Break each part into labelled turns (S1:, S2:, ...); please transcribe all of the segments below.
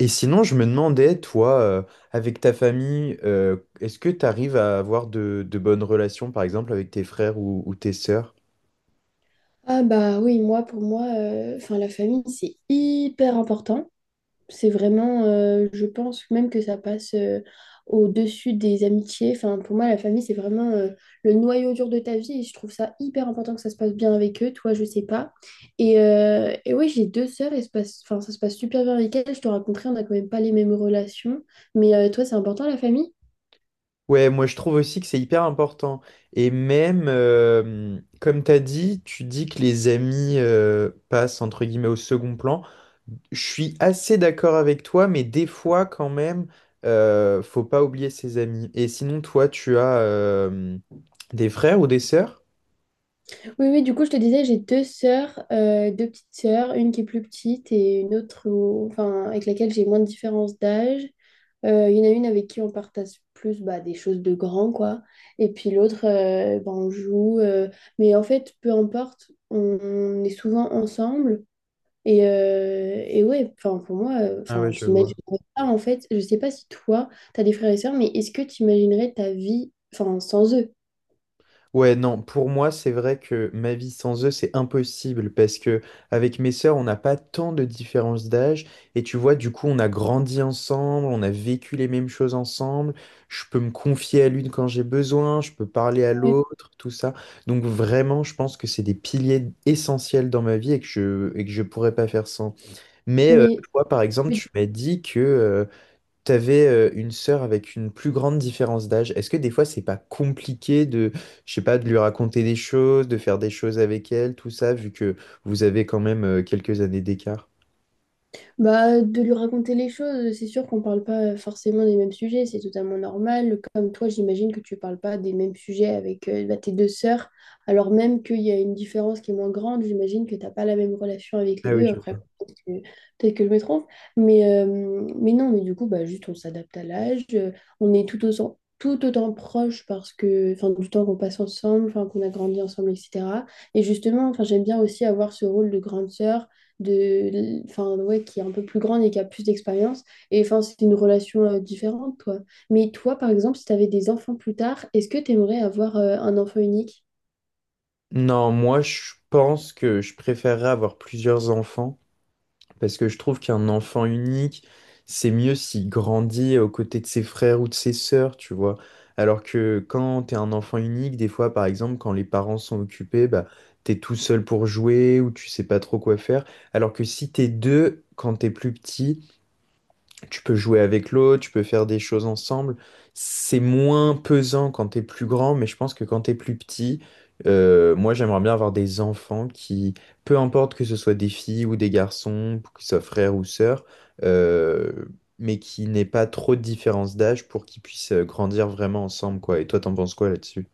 S1: Et sinon, je me demandais, toi, avec ta famille, est-ce que tu arrives à avoir de bonnes relations, par exemple, avec tes frères ou tes sœurs?
S2: Ah bah oui, moi pour moi, enfin la famille c'est hyper important. C'est vraiment, je pense même que ça passe au-dessus des amitiés. Enfin pour moi la famille c'est vraiment le noyau dur de ta vie et je trouve ça hyper important que ça se passe bien avec eux. Toi je sais pas. Et oui j'ai deux sœurs et se passe, enfin ça se passe super bien avec elles. Je te raconterai, on n'a quand même pas les mêmes relations. Mais toi c'est important la famille?
S1: Ouais, moi je trouve aussi que c'est hyper important. Et même, comme tu as dit, tu dis que les amis passent entre guillemets au second plan. Je suis assez d'accord avec toi, mais des fois quand même, faut pas oublier ses amis. Et sinon, toi, tu as des frères ou des sœurs?
S2: Oui, oui, du coup, je te disais, j'ai deux sœurs, deux petites sœurs, une qui est plus petite et une autre enfin, avec laquelle j'ai moins de différence d'âge. Il y en a une avec qui on partage plus bah, des choses de grand, quoi. Et puis l'autre, bah, on joue. Mais en fait, peu importe, on est souvent ensemble. Et ouais, enfin, pour moi,
S1: Ah
S2: enfin,
S1: ouais, je
S2: j'imagine
S1: vois.
S2: pas, en fait, je sais pas si toi, tu as des frères et sœurs, mais est-ce que tu imaginerais ta vie, enfin, sans eux?
S1: Ouais, non, pour moi, c'est vrai que ma vie sans eux, c'est impossible parce que avec mes sœurs, on n'a pas tant de différence d'âge et tu vois, du coup, on a grandi ensemble, on a vécu les mêmes choses ensemble. Je peux me confier à l'une quand j'ai besoin, je peux parler à
S2: Ouais.
S1: l'autre, tout ça. Donc vraiment, je pense que c'est des piliers essentiels dans ma vie et que je pourrais pas faire sans. Mais
S2: Mais,
S1: toi, par exemple,
S2: mais.
S1: tu m'as dit que tu avais une sœur avec une plus grande différence d'âge. Est-ce que des fois, c'est pas compliqué de, je sais pas, de lui raconter des choses, de faire des choses avec elle, tout ça, vu que vous avez quand même quelques années d'écart?
S2: Bah, de lui raconter les choses, c'est sûr qu'on parle pas forcément des mêmes sujets, c'est totalement normal. Comme toi, j'imagine que tu parles pas des mêmes sujets avec bah, tes deux sœurs, alors même qu'il y a une différence qui est moins grande, j'imagine que t'as pas la même relation avec les
S1: Ah oui,
S2: deux.
S1: je
S2: Après,
S1: vois.
S2: peut-être que, peut-être que je me trompe, mais, euh, mais non, mais du coup, bah, juste on s'adapte à l'âge, on est tout autant proche parce que, enfin, du temps qu'on passe ensemble, enfin, qu'on a grandi ensemble, etc. Et justement, enfin, j'aime bien aussi avoir ce rôle de grande sœur de, enfin, ouais, qui est un peu plus grande et qui a plus d'expérience. Et enfin, c'est une relation différente, quoi. Mais toi, par exemple, si tu avais des enfants plus tard, est-ce que tu aimerais avoir un enfant unique?
S1: Non, moi, je pense que je préférerais avoir plusieurs enfants. Parce que je trouve qu'un enfant unique, c'est mieux s'il grandit aux côtés de ses frères ou de ses sœurs, tu vois. Alors que quand t'es un enfant unique, des fois, par exemple, quand les parents sont occupés, bah, t'es tout seul pour jouer ou tu sais pas trop quoi faire. Alors que si t'es deux, quand t'es plus petit, tu peux jouer avec l'autre, tu peux faire des choses ensemble. C'est moins pesant quand t'es plus grand, mais je pense que quand t'es plus petit, moi j'aimerais bien avoir des enfants qui, peu importe que ce soit des filles ou des garçons, que ce soit frère ou sœur, euh, mais qui n'aient pas trop de différence d'âge pour qu'ils puissent grandir vraiment ensemble, quoi. Et toi, t'en penses quoi là-dessus?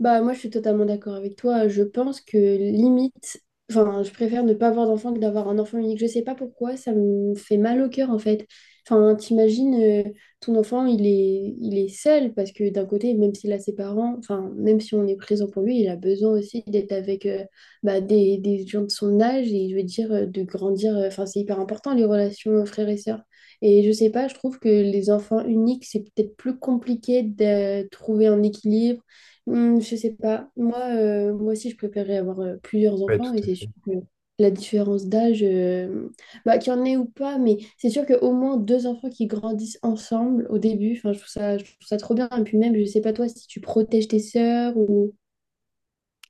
S2: Bah, moi, je suis totalement d'accord avec toi. Je pense que limite, enfin, je préfère ne pas avoir d'enfant que d'avoir un enfant unique. Je sais pas pourquoi, ça me fait mal au cœur en fait. Enfin, t'imagines, ton enfant, il est seul parce que d'un côté, même s'il a ses parents, enfin, même si on est présent pour lui, il a besoin aussi d'être avec bah, des gens de son âge et je veux dire, de grandir. Enfin, c'est hyper important les relations frères et sœurs. Et je sais pas, je trouve que les enfants uniques, c'est peut-être plus compliqué de trouver un équilibre. Hmm, je sais pas. Moi, moi aussi, je préférerais avoir plusieurs
S1: Ouais,
S2: enfants
S1: tout
S2: et
S1: à
S2: c'est
S1: fait.
S2: sûr que la différence d'âge, bah, qu'il y en ait ou pas, mais c'est sûr qu'au moins deux enfants qui grandissent ensemble au début, enfin, je trouve ça trop bien. Et puis même, je sais pas toi si tu protèges tes sœurs ou...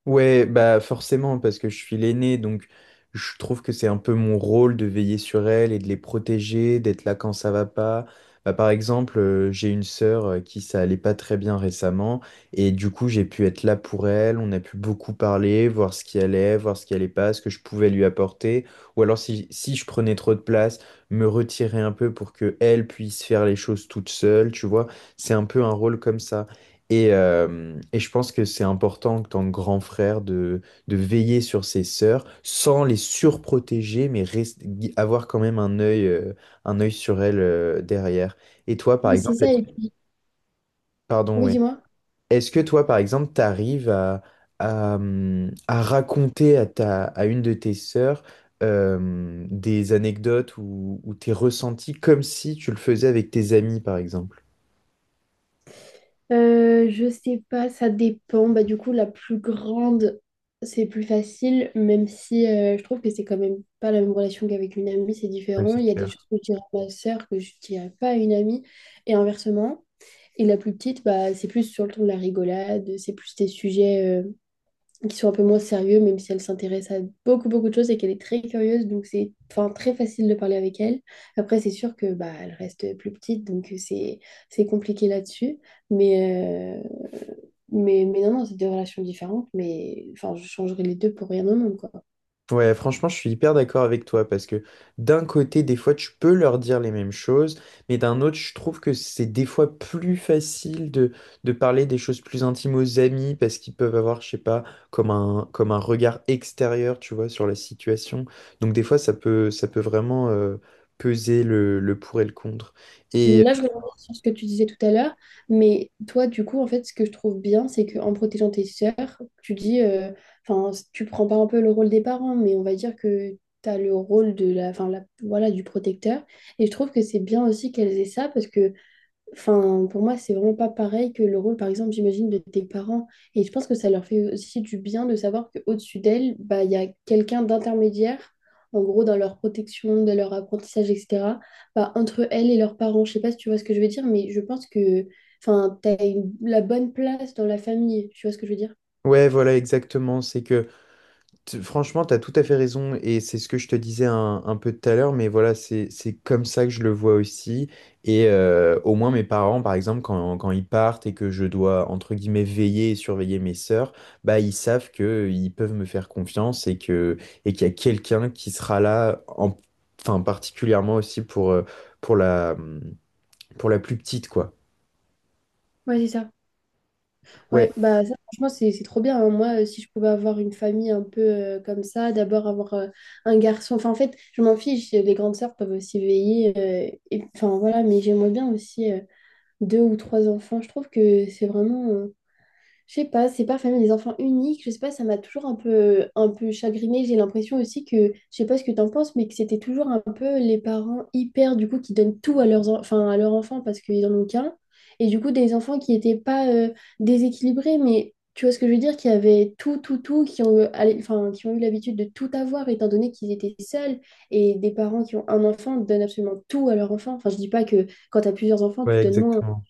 S1: Ouais, bah forcément, parce que je suis l'aîné, donc je trouve que c'est un peu mon rôle de veiller sur elles et de les protéger, d'être là quand ça va pas. Bah, par exemple, j'ai une sœur qui ça allait pas très bien récemment, et du coup j'ai pu être là pour elle, on a pu beaucoup parler, voir ce qui allait, voir ce qui allait pas, ce que je pouvais lui apporter, ou alors si je prenais trop de place, me retirer un peu pour que elle puisse faire les choses toute seule, tu vois, c'est un peu un rôle comme ça. Et je pense que c'est important en tant que grand frère de veiller sur ses sœurs sans les surprotéger, mais avoir quand même un œil sur elles derrière. Et toi, par
S2: Oui, c'est
S1: exemple,
S2: ça.
S1: est-ce
S2: Et
S1: que,
S2: puis...
S1: pardon,
S2: Oui,
S1: ouais.
S2: dis-moi.
S1: Est-ce que toi, par exemple, t'arrives à, à raconter à ta, à une de tes sœurs des anecdotes ou tes ressentis comme si tu le faisais avec tes amis, par exemple?
S2: Je sais pas, ça dépend. Bah, du coup, la plus grande, c'est plus facile, même si je trouve que c'est quand même pas la même relation qu'avec une amie, c'est
S1: Ouais,
S2: différent.
S1: c'est
S2: Il y a des choses
S1: clair.
S2: que je dirais à ma sœur que je dirais pas à une amie, et inversement. Et la plus petite, bah, c'est plus sur le ton de la rigolade, c'est plus des sujets qui sont un peu moins sérieux, même si elle s'intéresse à beaucoup, beaucoup de choses et qu'elle est très curieuse, donc c'est enfin, très facile de parler avec elle. Après, c'est sûr que bah, elle reste plus petite, donc c'est compliqué là-dessus. Mais, mais non, non, c'est des relations différentes, mais enfin, je changerais les deux pour rien au monde, quoi.
S1: Ouais, franchement, je suis hyper d'accord avec toi parce que d'un côté, des fois, tu peux leur dire les mêmes choses, mais d'un autre, je trouve que c'est des fois plus facile de parler des choses plus intimes aux amis parce qu'ils peuvent avoir, je sais pas, comme un regard extérieur, tu vois, sur la situation. Donc, des fois, ça peut vraiment peser le pour et le contre.
S2: Mais
S1: Et
S2: là, je reviens sur ce que tu disais tout à l'heure, mais toi, du coup, en fait, ce que je trouve bien, c'est qu'en protégeant tes sœurs, tu dis, enfin, tu prends pas un peu le rôle des parents, mais on va dire que tu as le rôle de la, enfin, voilà, du protecteur. Et je trouve que c'est bien aussi qu'elles aient ça, parce que enfin, pour moi, c'est vraiment pas pareil que le rôle, par exemple, j'imagine, de tes parents. Et je pense que ça leur fait aussi du bien de savoir qu'au-dessus d'elles, bah, il y a quelqu'un d'intermédiaire, en gros, dans leur protection, dans leur apprentissage, etc., bah, entre elles et leurs parents. Je sais pas si tu vois ce que je veux dire, mais je pense que, enfin, la bonne place dans la famille. Tu vois ce que je veux dire?
S1: ouais, voilà, exactement. Franchement, tu as tout à fait raison et c'est ce que je te disais un peu tout à l'heure, mais voilà, c'est comme ça que je le vois aussi. Et au moins mes parents, par exemple, quand ils partent et que je dois, entre guillemets, veiller et surveiller mes sœurs, bah, ils savent que ils peuvent me faire confiance et que, et qu'il y a quelqu'un qui sera là, enfin, particulièrement aussi pour la, pour la plus petite, quoi.
S2: Ouais, c'est ça.
S1: Ouais,
S2: Ouais, bah ça, franchement, c'est trop bien, hein. Moi, si je pouvais avoir une famille un peu comme ça, d'abord avoir un garçon. Enfin, en fait, je m'en fiche. Les grandes sœurs peuvent aussi veiller, enfin, voilà, mais j'aimerais bien aussi deux ou trois enfants. Je trouve que c'est vraiment. Je sais pas, c'est pas famille des enfants uniques, je sais pas, ça m'a toujours un peu chagrinée. J'ai l'impression aussi que, je sais pas ce que t'en penses, mais que c'était toujours un peu les parents hyper, du coup, qui donnent tout à leurs, enfin, à leurs enfants parce qu'ils en ont qu'un. Et du coup, des enfants qui étaient pas déséquilibrés, mais tu vois ce que je veux dire, qui avaient tout, tout, tout, qui ont, eu- allez, enfin, qui ont eu l'habitude de tout avoir étant donné qu'ils étaient seuls. Et des parents qui ont un enfant donnent absolument tout à leur enfant. Enfin, je dis pas que quand t'as plusieurs enfants,
S1: ouais,
S2: tu donnes moins.
S1: exactement.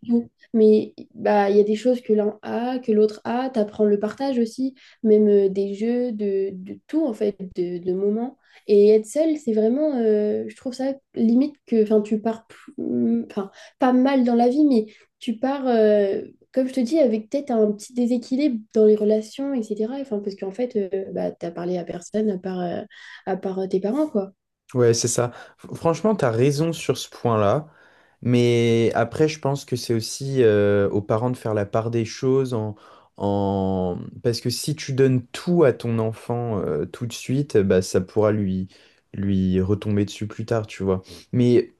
S2: Mais bah, il y a des choses que l'un a, que l'autre a. T'apprends le partage aussi, même des jeux, de tout en fait, de moments. Et être seul, c'est vraiment, je trouve ça limite que, enfin, tu pars, plus- mm, enfin, pas mal dans la vie, mais tu pars, comme je te dis, avec peut-être un petit déséquilibre dans les relations, etc. Enfin, parce qu'en fait, bah, t'as parlé à personne à part, à part tes parents, quoi.
S1: Ouais, c'est ça. Franchement, t'as raison sur ce point-là. Mais après, je pense que c'est aussi aux parents de faire la part des choses en, en... Parce que si tu donnes tout à ton enfant tout de suite, bah, ça pourra lui, lui retomber dessus plus tard, tu vois. Mais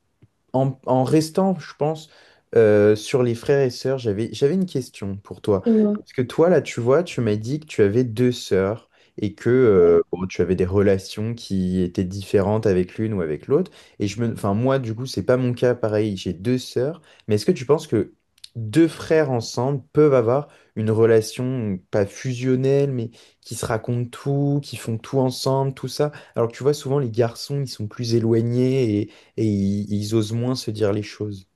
S1: en, en restant, je pense, sur les frères et sœurs, j'avais une question pour toi.
S2: Et moi,
S1: Parce que toi, là, tu vois, tu m'as dit que tu avais deux sœurs et que bon, tu avais des relations qui étaient différentes avec l'une ou avec l'autre. Et je me, enfin, moi, du coup, c'est pas mon cas, pareil, j'ai deux sœurs. Mais est-ce que tu penses que deux frères ensemble peuvent avoir une relation pas fusionnelle, mais qui se racontent tout, qui font tout ensemble, tout ça? Alors que tu vois, souvent, les garçons, ils sont plus éloignés et ils osent moins se dire les choses.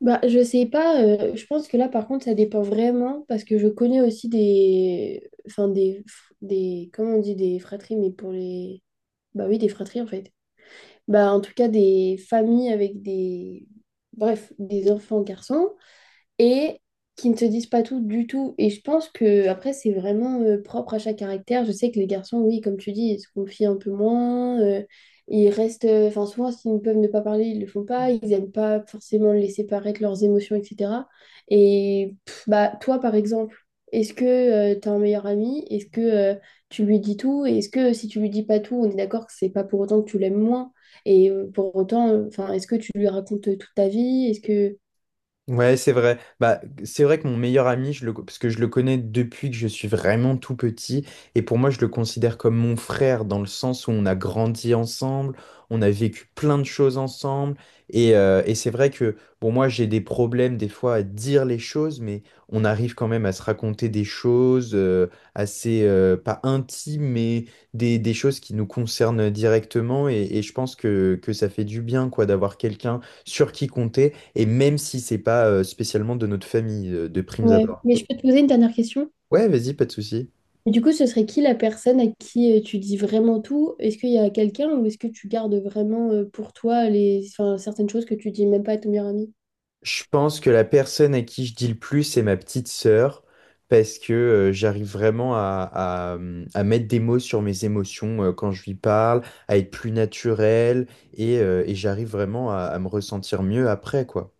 S2: bah, je sais pas, je pense que là par contre ça dépend vraiment parce que je connais aussi des enfin des comment on dit des fratries mais pour les bah oui des fratries en fait. Bah en tout cas des familles avec des bref, des enfants garçons et qui ne te disent pas tout du tout. Et je pense que après, c'est vraiment propre à chaque caractère. Je sais que les garçons, oui, comme tu dis, ils se confient un peu moins. Ils restent, enfin, souvent, s'ils peuvent ne pas parler, ils le font pas. Ils n'aiment pas forcément laisser paraître leurs émotions, etc. Et pff, bah, toi, par exemple, est-ce que tu as un meilleur ami? Est-ce que tu lui dis tout? Et est-ce que si tu lui dis pas tout, on est d'accord que c'est pas pour autant que tu l'aimes moins? Et pour autant, enfin, est-ce que tu lui racontes toute ta vie? Est-ce que
S1: Ouais, c'est vrai. Bah, c'est vrai que mon meilleur ami, parce que je le connais depuis que je suis vraiment tout petit, et pour moi, je le considère comme mon frère dans le sens où on a grandi ensemble, on a vécu plein de choses ensemble, et c'est vrai que, bon, moi, j'ai des problèmes des fois à dire les choses, mais on arrive quand même à se raconter des choses assez, pas intimes, mais des choses qui nous concernent directement, et je pense que ça fait du bien, quoi, d'avoir quelqu'un sur qui compter. Et même si c'est pas spécialement de notre famille, de primes
S2: ouais,
S1: abord.
S2: mais je peux te poser une dernière question.
S1: Ouais, vas-y, pas de souci.
S2: Et du coup, ce serait qui la personne à qui tu dis vraiment tout? Est-ce qu'il y a quelqu'un ou est-ce que tu gardes vraiment pour toi les... enfin, certaines choses que tu dis même pas à ton meilleur ami?
S1: Je pense que la personne à qui je dis le plus, c'est ma petite sœur, parce que j'arrive vraiment à, à mettre des mots sur mes émotions quand je lui parle, à être plus naturel, et j'arrive vraiment à me ressentir mieux après, quoi.